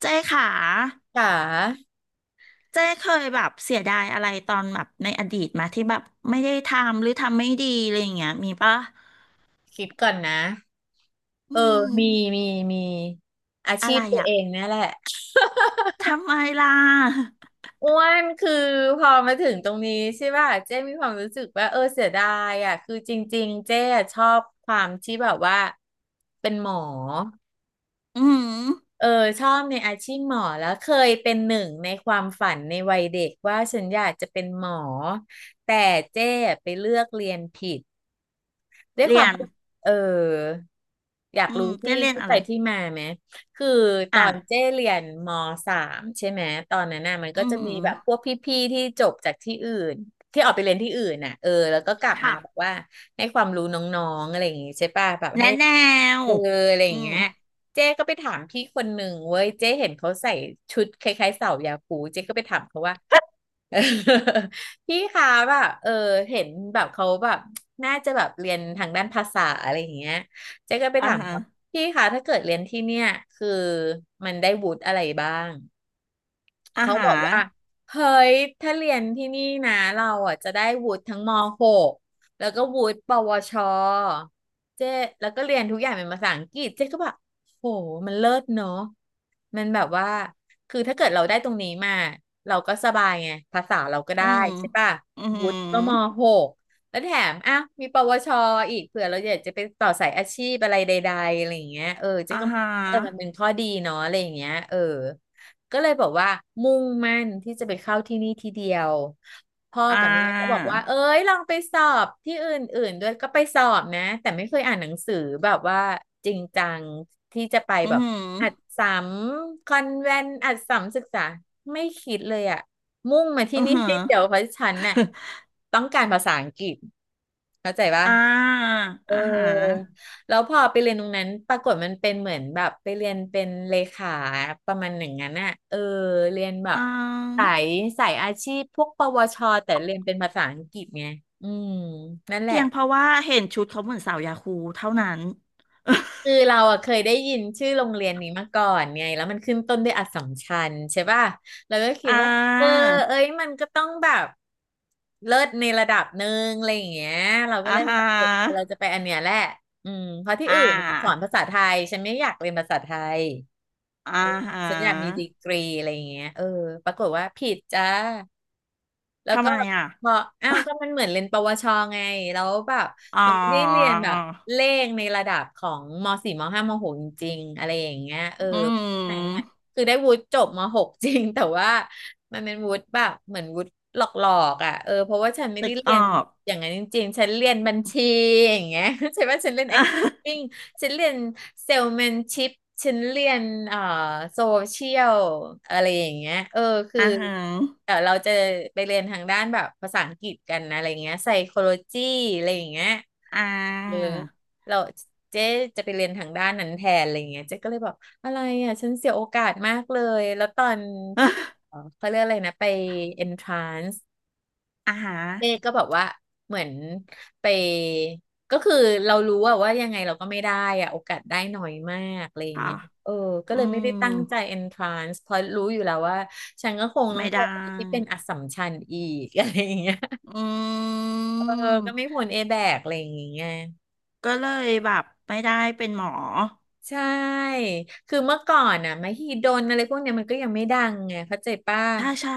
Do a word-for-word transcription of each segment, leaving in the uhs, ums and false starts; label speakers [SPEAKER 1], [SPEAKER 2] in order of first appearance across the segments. [SPEAKER 1] เจ้ค่ะ
[SPEAKER 2] ค่ะ
[SPEAKER 1] เจ้เคยแบบเสียดายอะไรตอนแบบในอดีตมาที่แบบไม่ได้ทำหรือทำไม่ดีอะไรอย่างเงี้ยมีปะ
[SPEAKER 2] คิดก่อนนะ
[SPEAKER 1] อื
[SPEAKER 2] เออ
[SPEAKER 1] ม
[SPEAKER 2] มีมีมีอา
[SPEAKER 1] อะ
[SPEAKER 2] ชี
[SPEAKER 1] ไร
[SPEAKER 2] พตัว
[SPEAKER 1] อะ
[SPEAKER 2] เองเนี่ยแหละ
[SPEAKER 1] ทำไมล่ะ
[SPEAKER 2] อ้วนคือพอมาถึงตรงนี้ใช่ป่ะเจ้มีความรู้สึกว่าเออเสียดายอ่ะคือจริงๆเจ้อะชอบความที่แบบว่าเป็นหมอ
[SPEAKER 1] อืม
[SPEAKER 2] เออชอบในอาชีพหมอแล้วเคยเป็นหนึ่งในความฝันในวัยเด็กว่าฉันอยากจะเป็นหมอแต่เจ้ไปเลือกเรียนผิด ด้วยค
[SPEAKER 1] เรี
[SPEAKER 2] วา
[SPEAKER 1] ย
[SPEAKER 2] ม
[SPEAKER 1] น
[SPEAKER 2] เอออยาก
[SPEAKER 1] อื
[SPEAKER 2] รู้
[SPEAKER 1] มเจ้
[SPEAKER 2] ที่
[SPEAKER 1] เรียน
[SPEAKER 2] ที่
[SPEAKER 1] อะ
[SPEAKER 2] ไป
[SPEAKER 1] ไร
[SPEAKER 2] ที่มาไหมคือต
[SPEAKER 1] อ่ะ
[SPEAKER 2] อนเจ้เรียนมสามใช่ไหม ตอนนั้นน่ะมัน
[SPEAKER 1] อื
[SPEAKER 2] ก็
[SPEAKER 1] ม
[SPEAKER 2] จะ
[SPEAKER 1] อื
[SPEAKER 2] มี
[SPEAKER 1] ม
[SPEAKER 2] แบบพวกพี่ๆที่จบจากที่อื่นที่ออกไปเรียนที่อื่นน่ะเออแล้วก็กลับมาแบบ
[SPEAKER 1] ค่ะ
[SPEAKER 2] ว่าให้ความรู้น้องๆอะไรอย่างงี้ใช่ป่ะแบบ
[SPEAKER 1] แนะ
[SPEAKER 2] ให้
[SPEAKER 1] แนว
[SPEAKER 2] เอออะไรอ
[SPEAKER 1] อื
[SPEAKER 2] ย่าง
[SPEAKER 1] ม
[SPEAKER 2] เงี้ย เจ๊ก็ไปถามพี่คนหนึ่งเว้ย เจ๊เห็นเขาใส่ชุดคล้ายๆสาวยาคูเจ๊ก็ไปถามเขาว่า พี่คะแบบเออเห็นแบบเขาแบบน่าจะแบบเรียนทางด้านภาษาอะไรอย่างเงี้ยเจ๊ก็ไป
[SPEAKER 1] อ่า
[SPEAKER 2] ถาม
[SPEAKER 1] ฮะ
[SPEAKER 2] เขาพี่คะถ้าเกิดเรียนที่เนี่ยคือมันได้วุฒิอะไรบ้าง
[SPEAKER 1] อ่า
[SPEAKER 2] เขา
[SPEAKER 1] ฮะ
[SPEAKER 2] บอกว่าเฮ้ยถ้าเรียนที่นี่นะเราอ่ะจะได้วุฒิทั้งม .หก แล้วก็วุฒิปวชเจ๊แล้วก็เรียนทุกอย่างเป็นภาษาอังกฤษเจ๊ก็แบบโหมันเลิศเนาะมันแบบว่าคือถ้าเกิดเราได้ตรงนี้มาเราก็สบายไงภาษาเราก็
[SPEAKER 1] อื
[SPEAKER 2] ได้
[SPEAKER 1] ม
[SPEAKER 2] ใช่ป่ะ
[SPEAKER 1] อื
[SPEAKER 2] วุ
[SPEAKER 1] ม
[SPEAKER 2] ฒิก็ม .หก แล้วแถมอ่ะมีปวชอีกเผื่อเราอยากจะไปต่อสายอาชีพอะไรใดๆอะไรอย่างเงี้ยเออเจ๊
[SPEAKER 1] อ่า
[SPEAKER 2] ก็มอ
[SPEAKER 1] ฮะ
[SPEAKER 2] งว่าเออมันเป็นข้อดีเนาะอะไรอย่างเงี้ยเออ ก็เลยบอกว่ามุ่งมั่นที่จะไปเข้าที่นี่ทีเดียวพ่อ
[SPEAKER 1] อ่า
[SPEAKER 2] กับแม่ก็บอกว่าเอ้ยลองไปสอบที่อื่นๆด้วยก็ไปสอบนะแต่ไม่เคยอ่านหนังสือแบบว่าจริงจังที่จะไป
[SPEAKER 1] อื
[SPEAKER 2] แบบ
[SPEAKER 1] ม
[SPEAKER 2] อัดสัมคอนแวนอัดสัมศึกษาไม่คิดเลยอะมุ่งมา
[SPEAKER 1] อื
[SPEAKER 2] ที่
[SPEAKER 1] อ
[SPEAKER 2] นี่
[SPEAKER 1] ฮะ
[SPEAKER 2] ที่เดียวเพราะฉันน่ะ ต้องการภาษาอังกฤษเข้าใจปะ
[SPEAKER 1] อ่า
[SPEAKER 2] เออ
[SPEAKER 1] อ่าฮะ
[SPEAKER 2] แล้วพอไปเรียนตรงนั้นปรากฏมันเป็นเหมือนแบบไปเรียนเป็นเลขาประมาณหนึ่งนั้นน่ะเออเรียนแบบ
[SPEAKER 1] อ่า
[SPEAKER 2] สายสายอาชีพพวกปวชแต่เรียนเป็นภาษาอังกฤษไงอืมนั่นแห
[SPEAKER 1] เพี
[SPEAKER 2] ละ
[SPEAKER 1] ยงเพราะว่าเห็นชุดเขาเหมือนสาวยาคูเท่านั้น
[SPEAKER 2] คื อเราอะเคยได้ยินชื่อโรงเรียนนี้มาก่อนไงแล้วมันขึ้นต้นด้วยอัสสัมชัญใช่ป่ะเราก็คิ
[SPEAKER 1] อ่
[SPEAKER 2] ดว่าเออ
[SPEAKER 1] า
[SPEAKER 2] เอ้ยมันก็ต้องแบบเลิศในระดับหนึ่งอะไรอย่างเงี้ยเราก็
[SPEAKER 1] อ่า
[SPEAKER 2] เลย
[SPEAKER 1] ฮ
[SPEAKER 2] แบบเออเรา
[SPEAKER 1] ะ
[SPEAKER 2] จะไปอันเนี้ยแหละอืมเพราะที่
[SPEAKER 1] อ่
[SPEAKER 2] อื่นสอ
[SPEAKER 1] า
[SPEAKER 2] นภาษาไทยฉันไม่อยากเรียนภาษาไทย
[SPEAKER 1] อ่าฮ
[SPEAKER 2] ฉันอยากมีดี
[SPEAKER 1] ะ
[SPEAKER 2] กรีอะไรอย่างเงี้ยเออปรากฏว่าผิดจ้า แล้ว
[SPEAKER 1] ทำ
[SPEAKER 2] ก็
[SPEAKER 1] ไมอ่ะ
[SPEAKER 2] บอกอ้าวก็มันเหมือนเรียนปวชไงแล้วแบบ
[SPEAKER 1] อ๋อ
[SPEAKER 2] มันไม่ได้เรียนแบบเลขในระดับของมสี่มห้ามหกจริงๆอะไรอย่างเงี้ยเอ
[SPEAKER 1] อื
[SPEAKER 2] อไหนน่ย
[SPEAKER 1] ม
[SPEAKER 2] คือได้วุฒิจบมหก จริงแต่ว่ามันเป็นวุฒิแบบเหมือนวุฒิหลอกๆอ่ะเออเพราะว่าฉันไม่
[SPEAKER 1] นึ
[SPEAKER 2] ได้
[SPEAKER 1] ก
[SPEAKER 2] เรี
[SPEAKER 1] ออ
[SPEAKER 2] ยน
[SPEAKER 1] ก
[SPEAKER 2] อย่างนั้นจริงๆฉันเรียนบัญชีอย่างเงี้ย ใช่ไหมฉันเรียน
[SPEAKER 1] อ่า
[SPEAKER 2] accounting ฉันเรียนเซลแมนชิพฉันเรียนเอ่อโซเชียลอะไรอย่างเงี้ยเออคือ
[SPEAKER 1] อ่าฮะ
[SPEAKER 2] เดี๋ยวเราจะไปเรียนทางด้านแบบภาษาอังกฤษกันนะอะไรเงี้ยไซโคโลจีอะไรอย่างเงี้ย
[SPEAKER 1] อ่
[SPEAKER 2] เออ
[SPEAKER 1] า
[SPEAKER 2] เราเจ๊จะไปเรียนทางด้านนั้นแทนอะไรเงี้ยเจ๊ก็เลยบอกอะไรอ่ะฉันเสียโอกาสมากเลยแล้วตอนเอ่อ เขาเรียกอะไรนะไป entrance
[SPEAKER 1] อ่าฮะ
[SPEAKER 2] เจ๊ก็แบบว่าเหมือนไปก็คือเรารู้ว่าว่ายังไงเราก็ไม่ได้อะโอกาสได้น้อยมากอะไรอย่าง
[SPEAKER 1] ค่ะ
[SPEAKER 2] เงี้ยเออก็
[SPEAKER 1] อื
[SPEAKER 2] เลยไม่ได้
[SPEAKER 1] ม
[SPEAKER 2] ตั้งใจ entrance เพราะรู้อยู่แล้วว่าฉันก็คงต้อ
[SPEAKER 1] ไม่
[SPEAKER 2] งไป
[SPEAKER 1] ได้
[SPEAKER 2] ที่เป็นอัสสัมชัญอีก อะไรอย่างเงี้ย
[SPEAKER 1] อื
[SPEAKER 2] เออก็ไม่
[SPEAKER 1] ม
[SPEAKER 2] พ้นเอแบกอะไรอย่างเงี้ย
[SPEAKER 1] ก็เลยแบบไม่ได้เป็นหมอ
[SPEAKER 2] ใช่คือเมื่อก่อนอ่ะมหิดลอะไรพวกเนี้ยมันก็ยังไม่ดังไงเข้าใจป้ะ
[SPEAKER 1] ถ้าใช่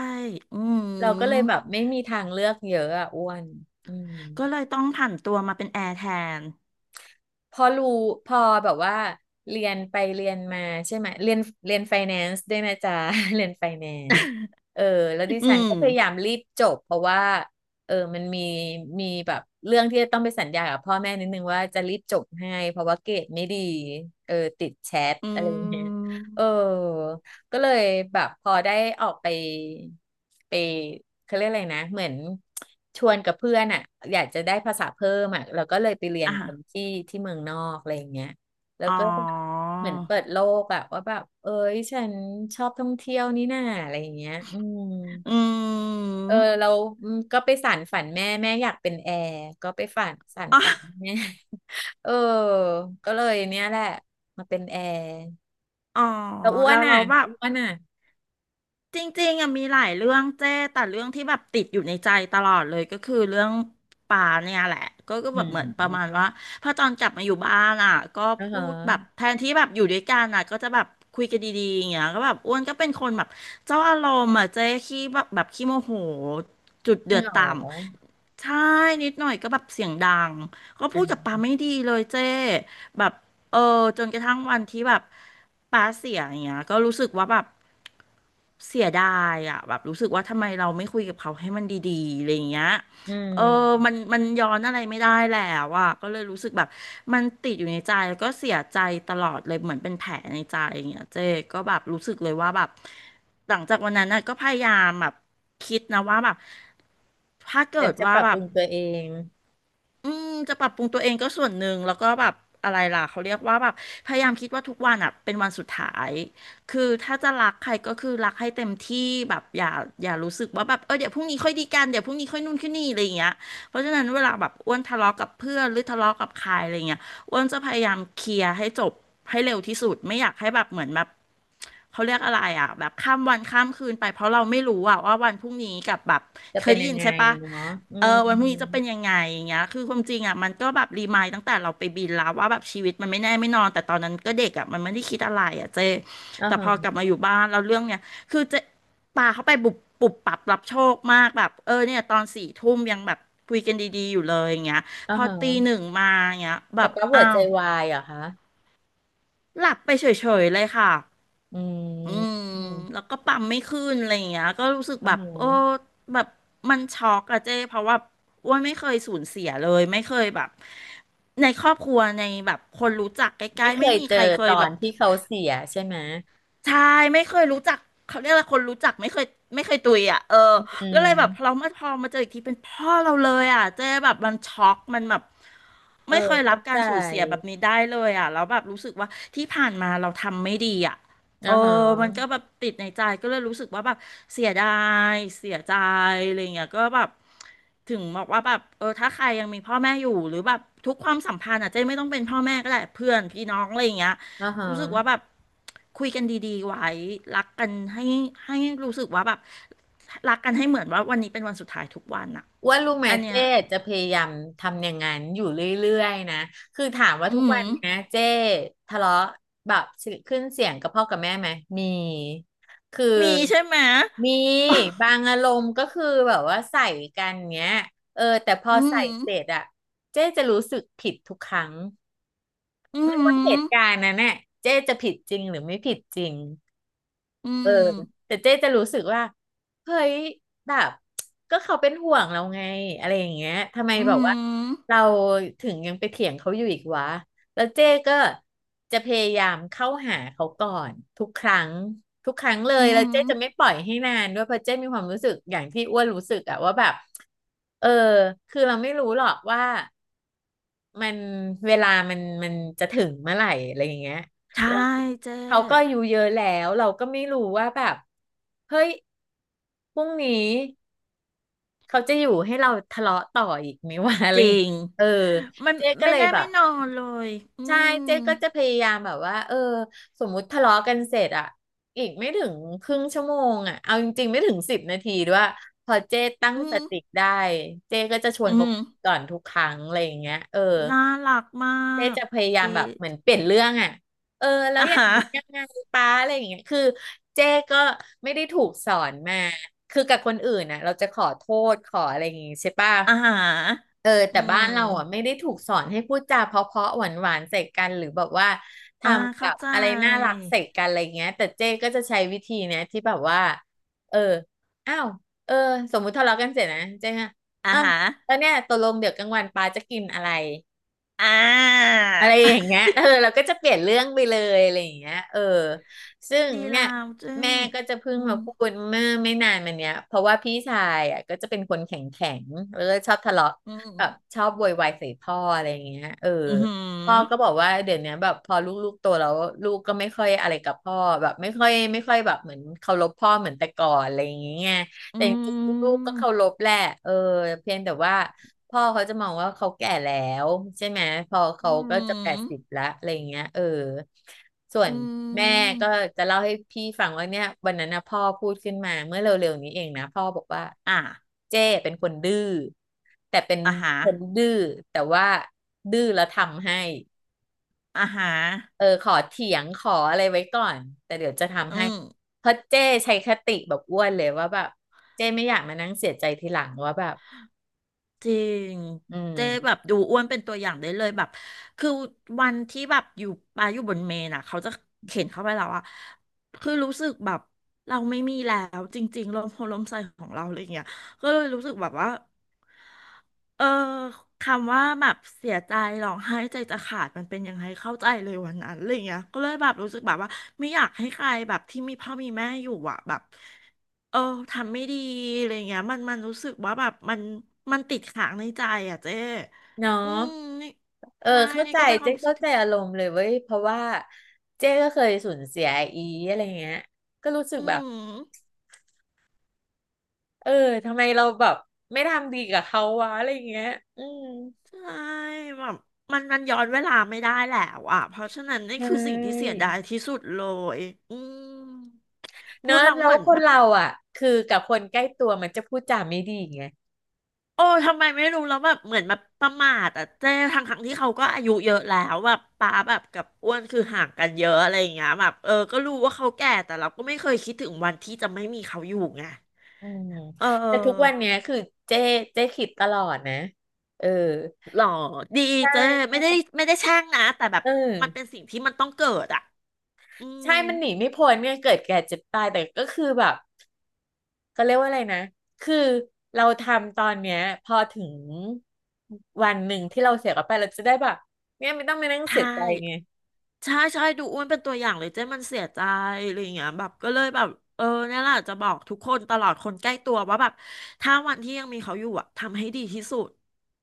[SPEAKER 1] อื
[SPEAKER 2] เราก็เลย
[SPEAKER 1] ม
[SPEAKER 2] แบบไม่มีทางเลือกเยอะอ่ะอ้วนอืม
[SPEAKER 1] ก็เลยต้องผันตัวมาเป็นแอร์แทน
[SPEAKER 2] พอรู้พอแบบว่าเรียนไปเรียนมาใช่ไหมเรียนเรียนไฟแนนซ์ด้วยนะจ๊ะ เรียนไฟแนนซ์เออแล้วดิ
[SPEAKER 1] อื
[SPEAKER 2] ฉัน
[SPEAKER 1] ม
[SPEAKER 2] ก็พยายามรีบจบเพราะว่าเออมันมีมีแบบเรื่องที่จะต้องไปสัญญากับพ่อแม่นิดนึงว่าจะรีบจบให้เพราะว่าเกรดไม่ดีเออติดแชท
[SPEAKER 1] อื
[SPEAKER 2] อะไรอย่างเงี้ย
[SPEAKER 1] ม
[SPEAKER 2] เออ ก็เลยแบบพอได้ออกไปไปเขาเรียกอะไรนะเหมือนชวนกับเพื่อนอ่ะอยากจะได้ภาษาเพิ่มอ่ะเราก็เลยไปเรียน
[SPEAKER 1] อ่ะ
[SPEAKER 2] กันที่ที่เมืองนอกอะไรอย่างเงี้ยแล้ว
[SPEAKER 1] อ๋อ
[SPEAKER 2] ก็เหมือนเปิดโลกอะว่าแบบเอ้ยฉันชอบท่องเที่ยวนี่น่าอะไรอย่างเงี้ยอืม
[SPEAKER 1] อื
[SPEAKER 2] เออเรา
[SPEAKER 1] ม
[SPEAKER 2] อืมก็ไปสานฝันแม่แม่อยากเป็นแอร์ก็ไปฝันสาน
[SPEAKER 1] อ๋อ
[SPEAKER 2] ฝันแม่ เออก็เลยเนี้ยแหละมาเป็นแอร์
[SPEAKER 1] อ๋อ
[SPEAKER 2] แล้วอ้ว
[SPEAKER 1] แล้
[SPEAKER 2] น
[SPEAKER 1] ว
[SPEAKER 2] อ่ะ
[SPEAKER 1] เราแบบ
[SPEAKER 2] อ้วนอ่ะ
[SPEAKER 1] จริงๆอ่ะมีหลายเรื่องเจ้แต่เรื่องที่แบบติดอยู่ในใจตลอดเลยก็คือเรื่องป่าเนี่ยแหละก็ก็
[SPEAKER 2] อื
[SPEAKER 1] แบบเหมือนประมาณ
[SPEAKER 2] ม
[SPEAKER 1] ว่าพอตอนกลับมาอยู่บ้านอ่ะก็
[SPEAKER 2] อ่า
[SPEAKER 1] พู
[SPEAKER 2] ฮะ
[SPEAKER 1] ดแบบแทนที่แบบอยู่ด้วยกันอ่ะก็จะแบบคุยกันดีๆอย่างเงี้ยก็แบบอ้วนก็เป็นคนแบบเจ้าอารมณ์อ่ะเจ้ขี้แบบแบบขี้โมโหจุด
[SPEAKER 2] จ
[SPEAKER 1] เดื
[SPEAKER 2] ริง
[SPEAKER 1] อด
[SPEAKER 2] เหรอ
[SPEAKER 1] ต่ำใช่นิดหน่อยก็แบบเสียงดังก็
[SPEAKER 2] อื
[SPEAKER 1] พูดกับปา
[SPEAKER 2] ม
[SPEAKER 1] ไม่ดีเลยเจ้แบบ เออจนกระทั่งวันที่แบบป้าเสียอย่างเงี้ยก็รู้สึกว่าแบบเสียดายอ่ะแบบรู้สึกว่าทำไมเราไม่คุยกับเขาให้มันดีๆอะไรอย่างเงี้ย
[SPEAKER 2] อื
[SPEAKER 1] เออมั
[SPEAKER 2] ม
[SPEAKER 1] นมันย้อนอะไรไม่ได้แล้วอ่ะก็เลยรู้สึกแบบมันติดอยู่ในใจแล้วก็เสียใจตลอดเลยเหมือนเป็นแผลในใจอย่างเงี้ยเจ๊ก็แบบรู้สึกเลยว่าแบบหลังจากวันนั้นน่ะก็พยายามแบบคิดนะว่าแบบถ้า
[SPEAKER 2] ฉั
[SPEAKER 1] เกิ
[SPEAKER 2] น
[SPEAKER 1] ด
[SPEAKER 2] จะ
[SPEAKER 1] ว่า
[SPEAKER 2] ปรับ
[SPEAKER 1] แบ
[SPEAKER 2] ปรุ
[SPEAKER 1] บ
[SPEAKER 2] งตัวเอง
[SPEAKER 1] อืมจะปรับปรุงตัวเองก็ส่วนหนึ่งแล้วก็แบบอะไรล่ะเขาเรียกว่าแบบพยายามคิดว่าทุกวันอ่ะเป็นวันสุดท้ายคือถ้าจะรักใครก็คือรักให้เต็มที่แบบอย่าอย่ารู้สึกว่าแบบเออเดี๋ยวพรุ่งนี้ค่อยดีกันเดี๋ยวพรุ่งนี้ค่อยนู่นค่อยนี่อะไรอย่างเงี้ยเพราะฉะนั้นเวลาแบบอ้วนทะเลาะกับเพื่อนหรือทะเลาะกับใครอะไรเงี้ยอ้วนจะพยายามเคลียร์ให้จบให้เร็วที่สุดไม่อยากให้แบบเหมือนแบบเขาเรียกอะไรอ่ะแบบข้ามวันข้ามคืนไปเพราะเราไม่รู้อ่ะว่าวันพรุ่งนี้กับแบบ
[SPEAKER 2] จะ
[SPEAKER 1] เค
[SPEAKER 2] เป็
[SPEAKER 1] ย
[SPEAKER 2] น
[SPEAKER 1] ได้
[SPEAKER 2] ยั
[SPEAKER 1] ยิ
[SPEAKER 2] ง
[SPEAKER 1] น
[SPEAKER 2] ไง
[SPEAKER 1] ใช่ปะ
[SPEAKER 2] เนาะอื
[SPEAKER 1] เออวันพรุ่งนี้จะเป็
[SPEAKER 2] ม
[SPEAKER 1] นยังไงอย่างเงี้ยคือความจริงอ่ะมันก็แบบรีมายด์ตั้งแต่เราไปบินแล้วว่าแบบชีวิตมันไม่แน่ไม่นอนแต่ตอนนั้นก็เด็กอ่ะมันไม่ได้คิดอะไรอ่ะเจ
[SPEAKER 2] อ่า
[SPEAKER 1] แต่
[SPEAKER 2] ฮะ
[SPEAKER 1] พอกลับมาอยู่บ้านแล้วเรื่องเนี้ยคือเจะปาเข้าไปบุบปุบปับรับโชคมากแบบเออเนี่ยตอนสี่ทุ่มยังแบบคุยกันดีๆอยู่เลยอย่างเงี้ย
[SPEAKER 2] อ่า
[SPEAKER 1] พอ
[SPEAKER 2] ฮะ
[SPEAKER 1] ตีหนึ่งมาอย่างเงี้ยแบ
[SPEAKER 2] ป๊า
[SPEAKER 1] บ
[SPEAKER 2] ป๊าหัว
[SPEAKER 1] อ้า
[SPEAKER 2] ใจ
[SPEAKER 1] ว
[SPEAKER 2] วายเหรอคะ
[SPEAKER 1] หลับไปเฉยๆเลยค่ะ
[SPEAKER 2] อืม
[SPEAKER 1] อืม
[SPEAKER 2] อืม
[SPEAKER 1] แล้วก็ปั๊มไม่ขึ้นอะไรอย่างเงี้ยก็รู้สึก
[SPEAKER 2] อ่า
[SPEAKER 1] แบบ
[SPEAKER 2] ฮ
[SPEAKER 1] โอ้
[SPEAKER 2] ะ
[SPEAKER 1] แบบมันช็อกอะเจ้เพราะว่าอ้วนไม่เคยสูญเสียเลยไม่เคยแบบในครอบครัวในแบบคนรู้จักใกล้
[SPEAKER 2] ไม่
[SPEAKER 1] ๆ
[SPEAKER 2] เค
[SPEAKER 1] ไม่
[SPEAKER 2] ย
[SPEAKER 1] มี
[SPEAKER 2] เจอ
[SPEAKER 1] ใครเค
[SPEAKER 2] ต
[SPEAKER 1] ย
[SPEAKER 2] อ
[SPEAKER 1] แบ
[SPEAKER 2] น
[SPEAKER 1] บ
[SPEAKER 2] ที่เขาเสียใช่ไหม
[SPEAKER 1] ใช่ไม่เคยรู้จักเขาเรียกอะไรคนรู้จักไม่เคยไม่เคยตุยอ่ะเออ
[SPEAKER 2] อื
[SPEAKER 1] ก็เลยแบบเรา
[SPEAKER 2] ม
[SPEAKER 1] มาพอมาเจออีกทีเป็นพ่อเราเลยอ่ะเจ๊แบบมันช็อกมันแบบ
[SPEAKER 2] เออ
[SPEAKER 1] ไม่เคยรับ
[SPEAKER 2] เข้า
[SPEAKER 1] กา
[SPEAKER 2] ใจ
[SPEAKER 1] รสูญเสียแบบนี้ได้เลยอ่ะแล้วแบบรู้สึกว่าที่ผ่านมาเราทำไม่ดีอ่ะเอ
[SPEAKER 2] อ่า
[SPEAKER 1] อ
[SPEAKER 2] ฮะ
[SPEAKER 1] มันก็แบบติดในใจก็เลยรู้สึกว่าแบบเสียดายเสียใจอะไรเงี้ยก็แบบถึงบอกว่าแบบเออถ้าใครยังมีพ่อแม่อยู่หรือแบบทุกความสัมพันธ์อ่ะเจ๊ไม่ต้องเป็นพ่อแม่ก็ได้เพื่อนพี่น้องอะไรเงี้ย
[SPEAKER 2] อ่าฮะ
[SPEAKER 1] รู้สึกว่าแบบ คุยกันดีๆไว้รักกันให้ให้รู้สึกว่าแบบรักกันให้เหมือนว่าวันนี้เป็นวันสุดท้ายทุกวันอะ
[SPEAKER 2] ว่ารู้ไหม
[SPEAKER 1] อันเนี้ย
[SPEAKER 2] เจ๊จะพยายามทำอย่างนั้นอยู่เรื่อยๆนะ คือถามว่า
[SPEAKER 1] อื
[SPEAKER 2] ทุก
[SPEAKER 1] ม
[SPEAKER 2] วันเนี้ยเจ๊ทะเลาะแบบขึ้นเสียงกับพ่อกับแม่ไหม มี คือ
[SPEAKER 1] มีใช่ไหม
[SPEAKER 2] มีบา งอารมณ์ก็คือแบบว่าใส่กันเนี้ยเออแต่พอ
[SPEAKER 1] อื
[SPEAKER 2] ใส่
[SPEAKER 1] ม
[SPEAKER 2] เส ร็จอะเจ๊จะรู้สึกผิดทุกครั้ง
[SPEAKER 1] อื
[SPEAKER 2] ว่าเห
[SPEAKER 1] ม
[SPEAKER 2] ตุการณ์นั้นน่ะเจ๊จะผิดจริงหรือไม่ผิดจริง
[SPEAKER 1] อื
[SPEAKER 2] เออ
[SPEAKER 1] ม
[SPEAKER 2] แต่เจ๊จะรู้สึกว่าเฮ้ยแบบก็เขาเป็นห่วงเราไงอะไรอย่างเงี้ยทำไม
[SPEAKER 1] อื
[SPEAKER 2] แบบว่าเรา
[SPEAKER 1] ม
[SPEAKER 2] ถึงยังไปเถียงเขาอยู่อีกวะแล้วเจ๊ก็จะพยายามเข้าหาเขาก่อนทุกครั้งทุกครั้งเล
[SPEAKER 1] อื
[SPEAKER 2] ยแล้ว
[SPEAKER 1] ม
[SPEAKER 2] เจ๊จะไม่ปล่อยให้นานด้วยเพราะเจ๊มีความรู้สึกอย่างที่อ้วนรู้สึกอะว่าแบบเออคือเราไม่รู้หรอกว่ามันเวลามันมันจะถึงเมื่อไหร่อะไรอย่างเงี้ย
[SPEAKER 1] ใช่เจ๊
[SPEAKER 2] เขาก็อายู่เยอะแล้วเราก็ไม่รู้ว่าแบบเฮ้ยพรุ่งนี้เขาจะอยู่ให้เราทะเลาะต่ออีกไหมวะ อะ
[SPEAKER 1] จ
[SPEAKER 2] ไร
[SPEAKER 1] ริ
[SPEAKER 2] อย่างเงี้ย
[SPEAKER 1] ง
[SPEAKER 2] เออ
[SPEAKER 1] มัน
[SPEAKER 2] เจ๊ก็
[SPEAKER 1] ไม่
[SPEAKER 2] เลย
[SPEAKER 1] แน่
[SPEAKER 2] แบ
[SPEAKER 1] ไม่
[SPEAKER 2] บ
[SPEAKER 1] นอนเลยอื
[SPEAKER 2] ใช่เจ๊
[SPEAKER 1] ม
[SPEAKER 2] ก็จะพยายามแบบว่าเออสมมุติทะเลาะกันเสร็จอะอีกไม่ถึงครึ่งชั่วโมงอะเอาจริงๆไม่ถึงสิบนาทีด้วยพอเจ๊ตั้ง
[SPEAKER 1] อื
[SPEAKER 2] ส
[SPEAKER 1] ม
[SPEAKER 2] ติได้เจ๊ก็จะชว
[SPEAKER 1] อื
[SPEAKER 2] นเขา
[SPEAKER 1] ม
[SPEAKER 2] ก่อนทุกครั้งอะไรอย่างเงี้ยเออ
[SPEAKER 1] น่ารักมา
[SPEAKER 2] เจ๊
[SPEAKER 1] ก
[SPEAKER 2] จะพยายา
[SPEAKER 1] ดี
[SPEAKER 2] มแบบเหมือนเปลี่ยนเรื่องอ่ะเออแล้ว
[SPEAKER 1] อ่า
[SPEAKER 2] อย่างนี้ยัง
[SPEAKER 1] ร
[SPEAKER 2] ไงป้าอะไรอย่างเงี้ยคือเจ๊ก็ไม่ได้ถูกสอนมาคือกับคนอื่นนะเราจะขอโทษขออะไรอย่างงี้ใช่ป่ะ
[SPEAKER 1] อ่าร
[SPEAKER 2] เออ
[SPEAKER 1] อื
[SPEAKER 2] แต่บ้า
[SPEAKER 1] ม
[SPEAKER 2] นเราอ่ะไม่ได้ถูกสอนให้พูดจาเพราะๆหวานๆใส่กันหรือแบบว่าท
[SPEAKER 1] อ่า
[SPEAKER 2] ำกั
[SPEAKER 1] เข้า
[SPEAKER 2] บ
[SPEAKER 1] ใจ
[SPEAKER 2] อะไรน่ารักใส่กันอะไรเงี้ยแต่เจ๊ก็จะใช้วิธีเนี้ยที่แบบว่าเอออ้าวเออสมมุติทะเลาะกันเสร็จนะเจ๊อะ
[SPEAKER 1] อ่า
[SPEAKER 2] อ่ะ
[SPEAKER 1] ฮะ
[SPEAKER 2] แล้วเนี่ยตกลงเดี๋ยวกลางวันป้าจะกินอะไร
[SPEAKER 1] อ่า
[SPEAKER 2] อะไรอย่างเงี้ย เออเราก็จะเปลี่ยนเรื่องไปเลยอะไรอย่างเงี้ยเออซึ่ง
[SPEAKER 1] ดี
[SPEAKER 2] เนี่
[SPEAKER 1] ลา
[SPEAKER 2] ย
[SPEAKER 1] วเจ้อ
[SPEAKER 2] แม่ก็จะเพิ่
[SPEAKER 1] อื
[SPEAKER 2] งมา
[SPEAKER 1] ม
[SPEAKER 2] พูดเมื่อไม่นานมาเนี้ยเพราะว่าพี่ชายอ่ะก็จะเป็นคนแข็งแข็งแล้วก็ชอบทะเลาะ
[SPEAKER 1] อื
[SPEAKER 2] แบบ
[SPEAKER 1] ม
[SPEAKER 2] ชอบโวยวายใส่พ่ออะไรอย่างเงี้ยเออ
[SPEAKER 1] อื
[SPEAKER 2] พ่อก็บ
[SPEAKER 1] ม
[SPEAKER 2] อกว่าเดี๋ยวเนี้ยแบบพอลูกๆโตแล้วลูกก็ไม่ค่อยอะไรกับพ่อแบบไม่ค่อยไม่ค่อยแบบเหมือนเคารพพ่อเหมือนแต่ก่อนอะไรอย่างเงี้ย
[SPEAKER 1] อื
[SPEAKER 2] แต่จริงๆลูกๆ
[SPEAKER 1] ม
[SPEAKER 2] ก็เคารพแหละเออเพียงแต่ว่า พ่อเขาจะมองว่าเขาแก่แล้วใช่ไหมพอ
[SPEAKER 1] อื
[SPEAKER 2] เขาก็จะแปดสิบ
[SPEAKER 1] ม
[SPEAKER 2] ละอะไรอย่างเงี้ยเออส่วน
[SPEAKER 1] อื
[SPEAKER 2] แม่
[SPEAKER 1] ม
[SPEAKER 2] ก็จะเล่าให้พี่ฟังว่าเนี่ยวันนั้นนะพ่อพูดขึ้นมาเมื่อเร็วๆนี้เองนะพ่อบอกว่า
[SPEAKER 1] อ่า
[SPEAKER 2] เจ้เป็นคนดื้อแต่เป็น
[SPEAKER 1] อ่าฮะ
[SPEAKER 2] คนดื้อแต่ว่าดื้อแล้วทำให้
[SPEAKER 1] อ่าฮะ
[SPEAKER 2] เออขอเถียงขออะไรไว้ก่อนแต่เดี๋ยวจะทำ
[SPEAKER 1] อื
[SPEAKER 2] ให้
[SPEAKER 1] ม
[SPEAKER 2] เพราะเจ้ใช้คติแบบอ้วนเลยว่าแบบเจ้ไม่อยากมานั่งเสียใจทีหลังว่าแบบ
[SPEAKER 1] จริง
[SPEAKER 2] อืม
[SPEAKER 1] เจ๊แบบดูอ้วนเป็นตัวอย่างได้เลยแบบคือวันที่แบบอยู่ปาอยู่บนเมนอ่ะเขาจะเข็นเข้าไปแล้วอะคือรู้สึกแบบเราไม่มีแล้วจริงๆลมโพลมใส่ของเราอะไรอย่างเงี้ยก็เลยรู้สึกแบบว่าเออคำว่าแบบเสียใจร้องไห้ใจจะขาดมันเป็นยังไงเข้าใจเลยวันนั้นอะไรเงี้ยก็เลยแบบรู้สึกแบบว่าไม่อยากให้ใครแบบที่มีพ่อมีแม่อยู่อะแบบ เออทำไม่ดีอะไรเงี้ยมันมันรู้สึกว่าแบบมันมันติดขังในใจอ่ะเจ๊
[SPEAKER 2] เนาะ
[SPEAKER 1] อืมนี่
[SPEAKER 2] เออ
[SPEAKER 1] ใช่
[SPEAKER 2] เข้า
[SPEAKER 1] นี่
[SPEAKER 2] ใจ
[SPEAKER 1] ก็เป็นควา
[SPEAKER 2] เจ๊
[SPEAKER 1] มรู้สึก
[SPEAKER 2] เข้าใจ
[SPEAKER 1] ที่แบบ
[SPEAKER 2] อารมณ์เลยเว้ยเพราะว่าเจ๊ก็เคยสูญเสียอีอะไรเงี้ยก็รู้สึก
[SPEAKER 1] อื
[SPEAKER 2] แบบ
[SPEAKER 1] ม
[SPEAKER 2] เออ ทำไมเราแบบไม่ทำดีกับเขาวะอะไรเงี้ยอืม
[SPEAKER 1] ใช่แบบมันมันย้อนเวลาไม่ได้แล้วอ่ะเพราะฉะนั้นนี่
[SPEAKER 2] ใช
[SPEAKER 1] คือสิ่งที่เสีย
[SPEAKER 2] ่
[SPEAKER 1] ดายที่สุดเลยอืม
[SPEAKER 2] เน
[SPEAKER 1] พู
[SPEAKER 2] อะ
[SPEAKER 1] ดเรา
[SPEAKER 2] แล้
[SPEAKER 1] เห
[SPEAKER 2] ว
[SPEAKER 1] มือน
[SPEAKER 2] ค
[SPEAKER 1] แบ
[SPEAKER 2] น
[SPEAKER 1] บ
[SPEAKER 2] เราอ่ะคือกับคนใกล้ตัวมันจะพูดจาไม่ดีไง
[SPEAKER 1] โอ้ทำไมไม่รู้แล้วแบบเหมือนแบบประมาทอ่ะเจ๊ทั้งทั้งที่เขาก็อายุเยอะแล้วแบบป้าแบบกับอ้วนคือห่างกันเยอะอะไรอย่างเงี้ยแบบเออก็รู้ว่าเขาแก่แต่เราก็ไม่เคยคิดถึงวันที่จะไม่มีเขาอยู่ไง
[SPEAKER 2] อืม
[SPEAKER 1] เอ
[SPEAKER 2] แต่ทุกวัน
[SPEAKER 1] อ
[SPEAKER 2] เนี้ยคือเจ๊เจ๊คิดตลอดนะ เออ
[SPEAKER 1] หรอดี
[SPEAKER 2] ใ
[SPEAKER 1] เจ๊ไม่
[SPEAKER 2] ช่
[SPEAKER 1] ได้ไม่ได้แช่งนะแต่แบบ
[SPEAKER 2] เออ
[SPEAKER 1] มันเป็นสิ่งที่มันต้องเกิดอ่ะอืม
[SPEAKER 2] ใช่มันหนีไม่พ้นเนี่ยเกิดแก่เจ็บตายแต่ก็คือแบบ เขาเรียกว่าอะไรนะคือเราทำตอนเนี้ยพอถึงวันหนึ่งที่เราเสียกับไปเราจะได้แบบเนี่ยไม่ต้องมานั่ง
[SPEAKER 1] ใช่
[SPEAKER 2] เสียใจไง
[SPEAKER 1] ใช่ใช่ดูอ้วนเป็นตัวอย่างเลยเจ้มันเสียใจอะไรอย่างเงี้ยแบบก็เลยแบบเออเนี่ยแหละจะบอกทุกคนตลอดคนใกล้ตัวว่าแบบถ้าวันที่ยังมีเขาอยู่อะทำให้ดีที่สุด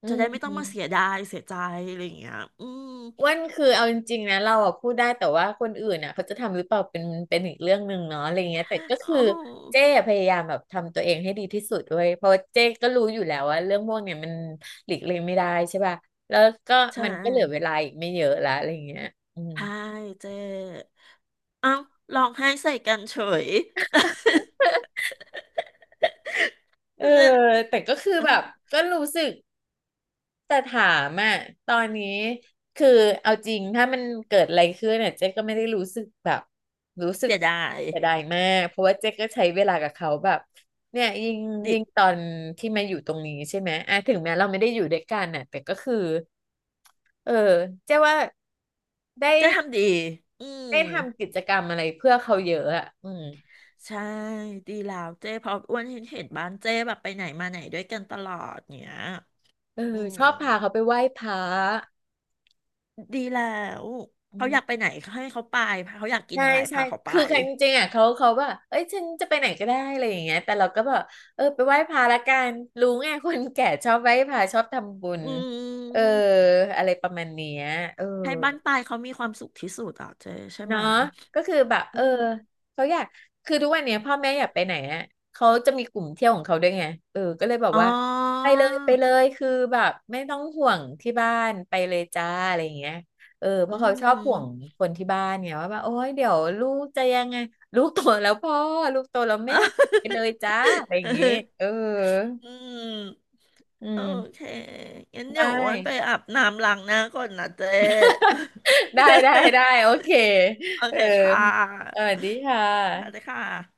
[SPEAKER 2] อื
[SPEAKER 1] จะ
[SPEAKER 2] ม
[SPEAKER 1] ได้ไม่
[SPEAKER 2] อ
[SPEAKER 1] ต้องมาเสียดายเสียใจอะไรอย่างเงี้ยอืม
[SPEAKER 2] ้วันคือเอาจริงๆนะเราอะพูดได้แต่ว่าคนอื่นอ่ะเขาจะทำหรือเปล่าเป็นเป็นอีกเรื่องหนึ่งเนาะอะไรเงี้ยแต่ก็
[SPEAKER 1] โ
[SPEAKER 2] คือ
[SPEAKER 1] อ้
[SPEAKER 2] เจ๊พยายามแบบทำตัวเองให้ดีที่สุดด้วยเพราะว่าเจ๊ก็รู้อยู่แล้วว่าเรื่องพวกเนี้ยมันหลีกเลี่ยงไม่ได้ใช่ป่ะแล้วก็
[SPEAKER 1] ใช่
[SPEAKER 2] มันก็เหลือเวลาอีกไม่เยอะละอะไรเงี้ยอืม
[SPEAKER 1] ใช่เจ้เอ้าร้องไห้ใส่กันเฉย
[SPEAKER 2] เออ
[SPEAKER 1] เนี่ย
[SPEAKER 2] แต่ก็คือ
[SPEAKER 1] เออ
[SPEAKER 2] แบบก็รู้สึก แต่ถามอ่ะตอนนี้คือเอาจริงถ้ามันเกิดอะไรขึ้นเนี่ยเจ๊ก็ไม่ได้รู้สึกแบบรู้สึก
[SPEAKER 1] เสียดาย
[SPEAKER 2] เสียดายมากเพราะว่าเจ๊ก็ใช้เวลากับเขาแบบเนี่ยยิ่ง
[SPEAKER 1] ดิ
[SPEAKER 2] ยิ่งตอนที่มาอยู่ตรงนี้ใช่ไหมอ่ะถึงแม้เราไม่ได้อยู่ด้วยกันน่ะแต่ก็คือเออเจ๊ว่าได้
[SPEAKER 1] เจ้ทำดีอืม
[SPEAKER 2] ได้ทำกิจกรรมอะไรเพื่อเขาเยอะอ่ะอืม
[SPEAKER 1] ใช่ดีแล้วเจ้เพออ้วนเห็นเห็นบ้านเจ้แบบไปไหนมาไหนด้วยกันตลอดเนี้ย
[SPEAKER 2] เอ
[SPEAKER 1] อื
[SPEAKER 2] อ
[SPEAKER 1] ม
[SPEAKER 2] ชอบพาเขาไปไหว้พระ
[SPEAKER 1] ดีแล้ว
[SPEAKER 2] อื
[SPEAKER 1] เขาอยา
[SPEAKER 2] ม
[SPEAKER 1] กไปไหนให้เขาไปพาเขาอยากกิน
[SPEAKER 2] ใช่
[SPEAKER 1] อะไร
[SPEAKER 2] ใช่
[SPEAKER 1] พาเขาไป
[SPEAKER 2] คือกันจริงๆอ่ะเขาเขาว่า เอ้ยฉันจะไปไหนก็ได้อะไรอย่างเงี้ยแต่เราก็แบบเออไปไหว้พระละกัน รู้ไงคนแก่ชอบไหว้พระชอบทำบุญ
[SPEAKER 1] อื
[SPEAKER 2] เออ
[SPEAKER 1] ม
[SPEAKER 2] อะไรประมาณเนี้ยเออ
[SPEAKER 1] ให้บ้านปลายเขามีความสุขที่สุดอ่ะเจ๊ใช่ไหม
[SPEAKER 2] เนาะก็คือแบบเอ
[SPEAKER 1] อื
[SPEAKER 2] อ
[SPEAKER 1] ม
[SPEAKER 2] เขาอยากคือทุกวันเนี้ยพ่อแม่อยากไปไหนอ่ะเขาจะมีกลุ่มเที่ยวของเขาด้วยไงเออก็เลยบอก
[SPEAKER 1] อ๋
[SPEAKER 2] ว่าไป
[SPEAKER 1] อ
[SPEAKER 2] เลยไปเลยคือแบบไม่ต้องห่วงที่บ้านไปเลยจ้าอะไรอย่างเงี้ยเออเพ
[SPEAKER 1] อื
[SPEAKER 2] ราะเขาชอบ
[SPEAKER 1] ม
[SPEAKER 2] ห่วงคนที่บ้านเนี่ยว่าแบบโอ๊ยเดี๋ยวลูกจะยังไงลูกโตแล้วพ่อลูกโตแล้วแม่ไปเลยจ้าอะไรอ ย่างงี้เออ
[SPEAKER 1] อืม
[SPEAKER 2] อื
[SPEAKER 1] โอ
[SPEAKER 2] ม
[SPEAKER 1] เคงั้นเดี๋
[SPEAKER 2] ได้
[SPEAKER 1] ยวอ้วันไปอาบน้ำล้างหน้าก่อนนะเจ๊
[SPEAKER 2] ได้ได้ได้ โอเค
[SPEAKER 1] โอ
[SPEAKER 2] เออ
[SPEAKER 1] เคค่ะ
[SPEAKER 2] สวัสดีค่
[SPEAKER 1] สวัสดี
[SPEAKER 2] ะ
[SPEAKER 1] ค่ะ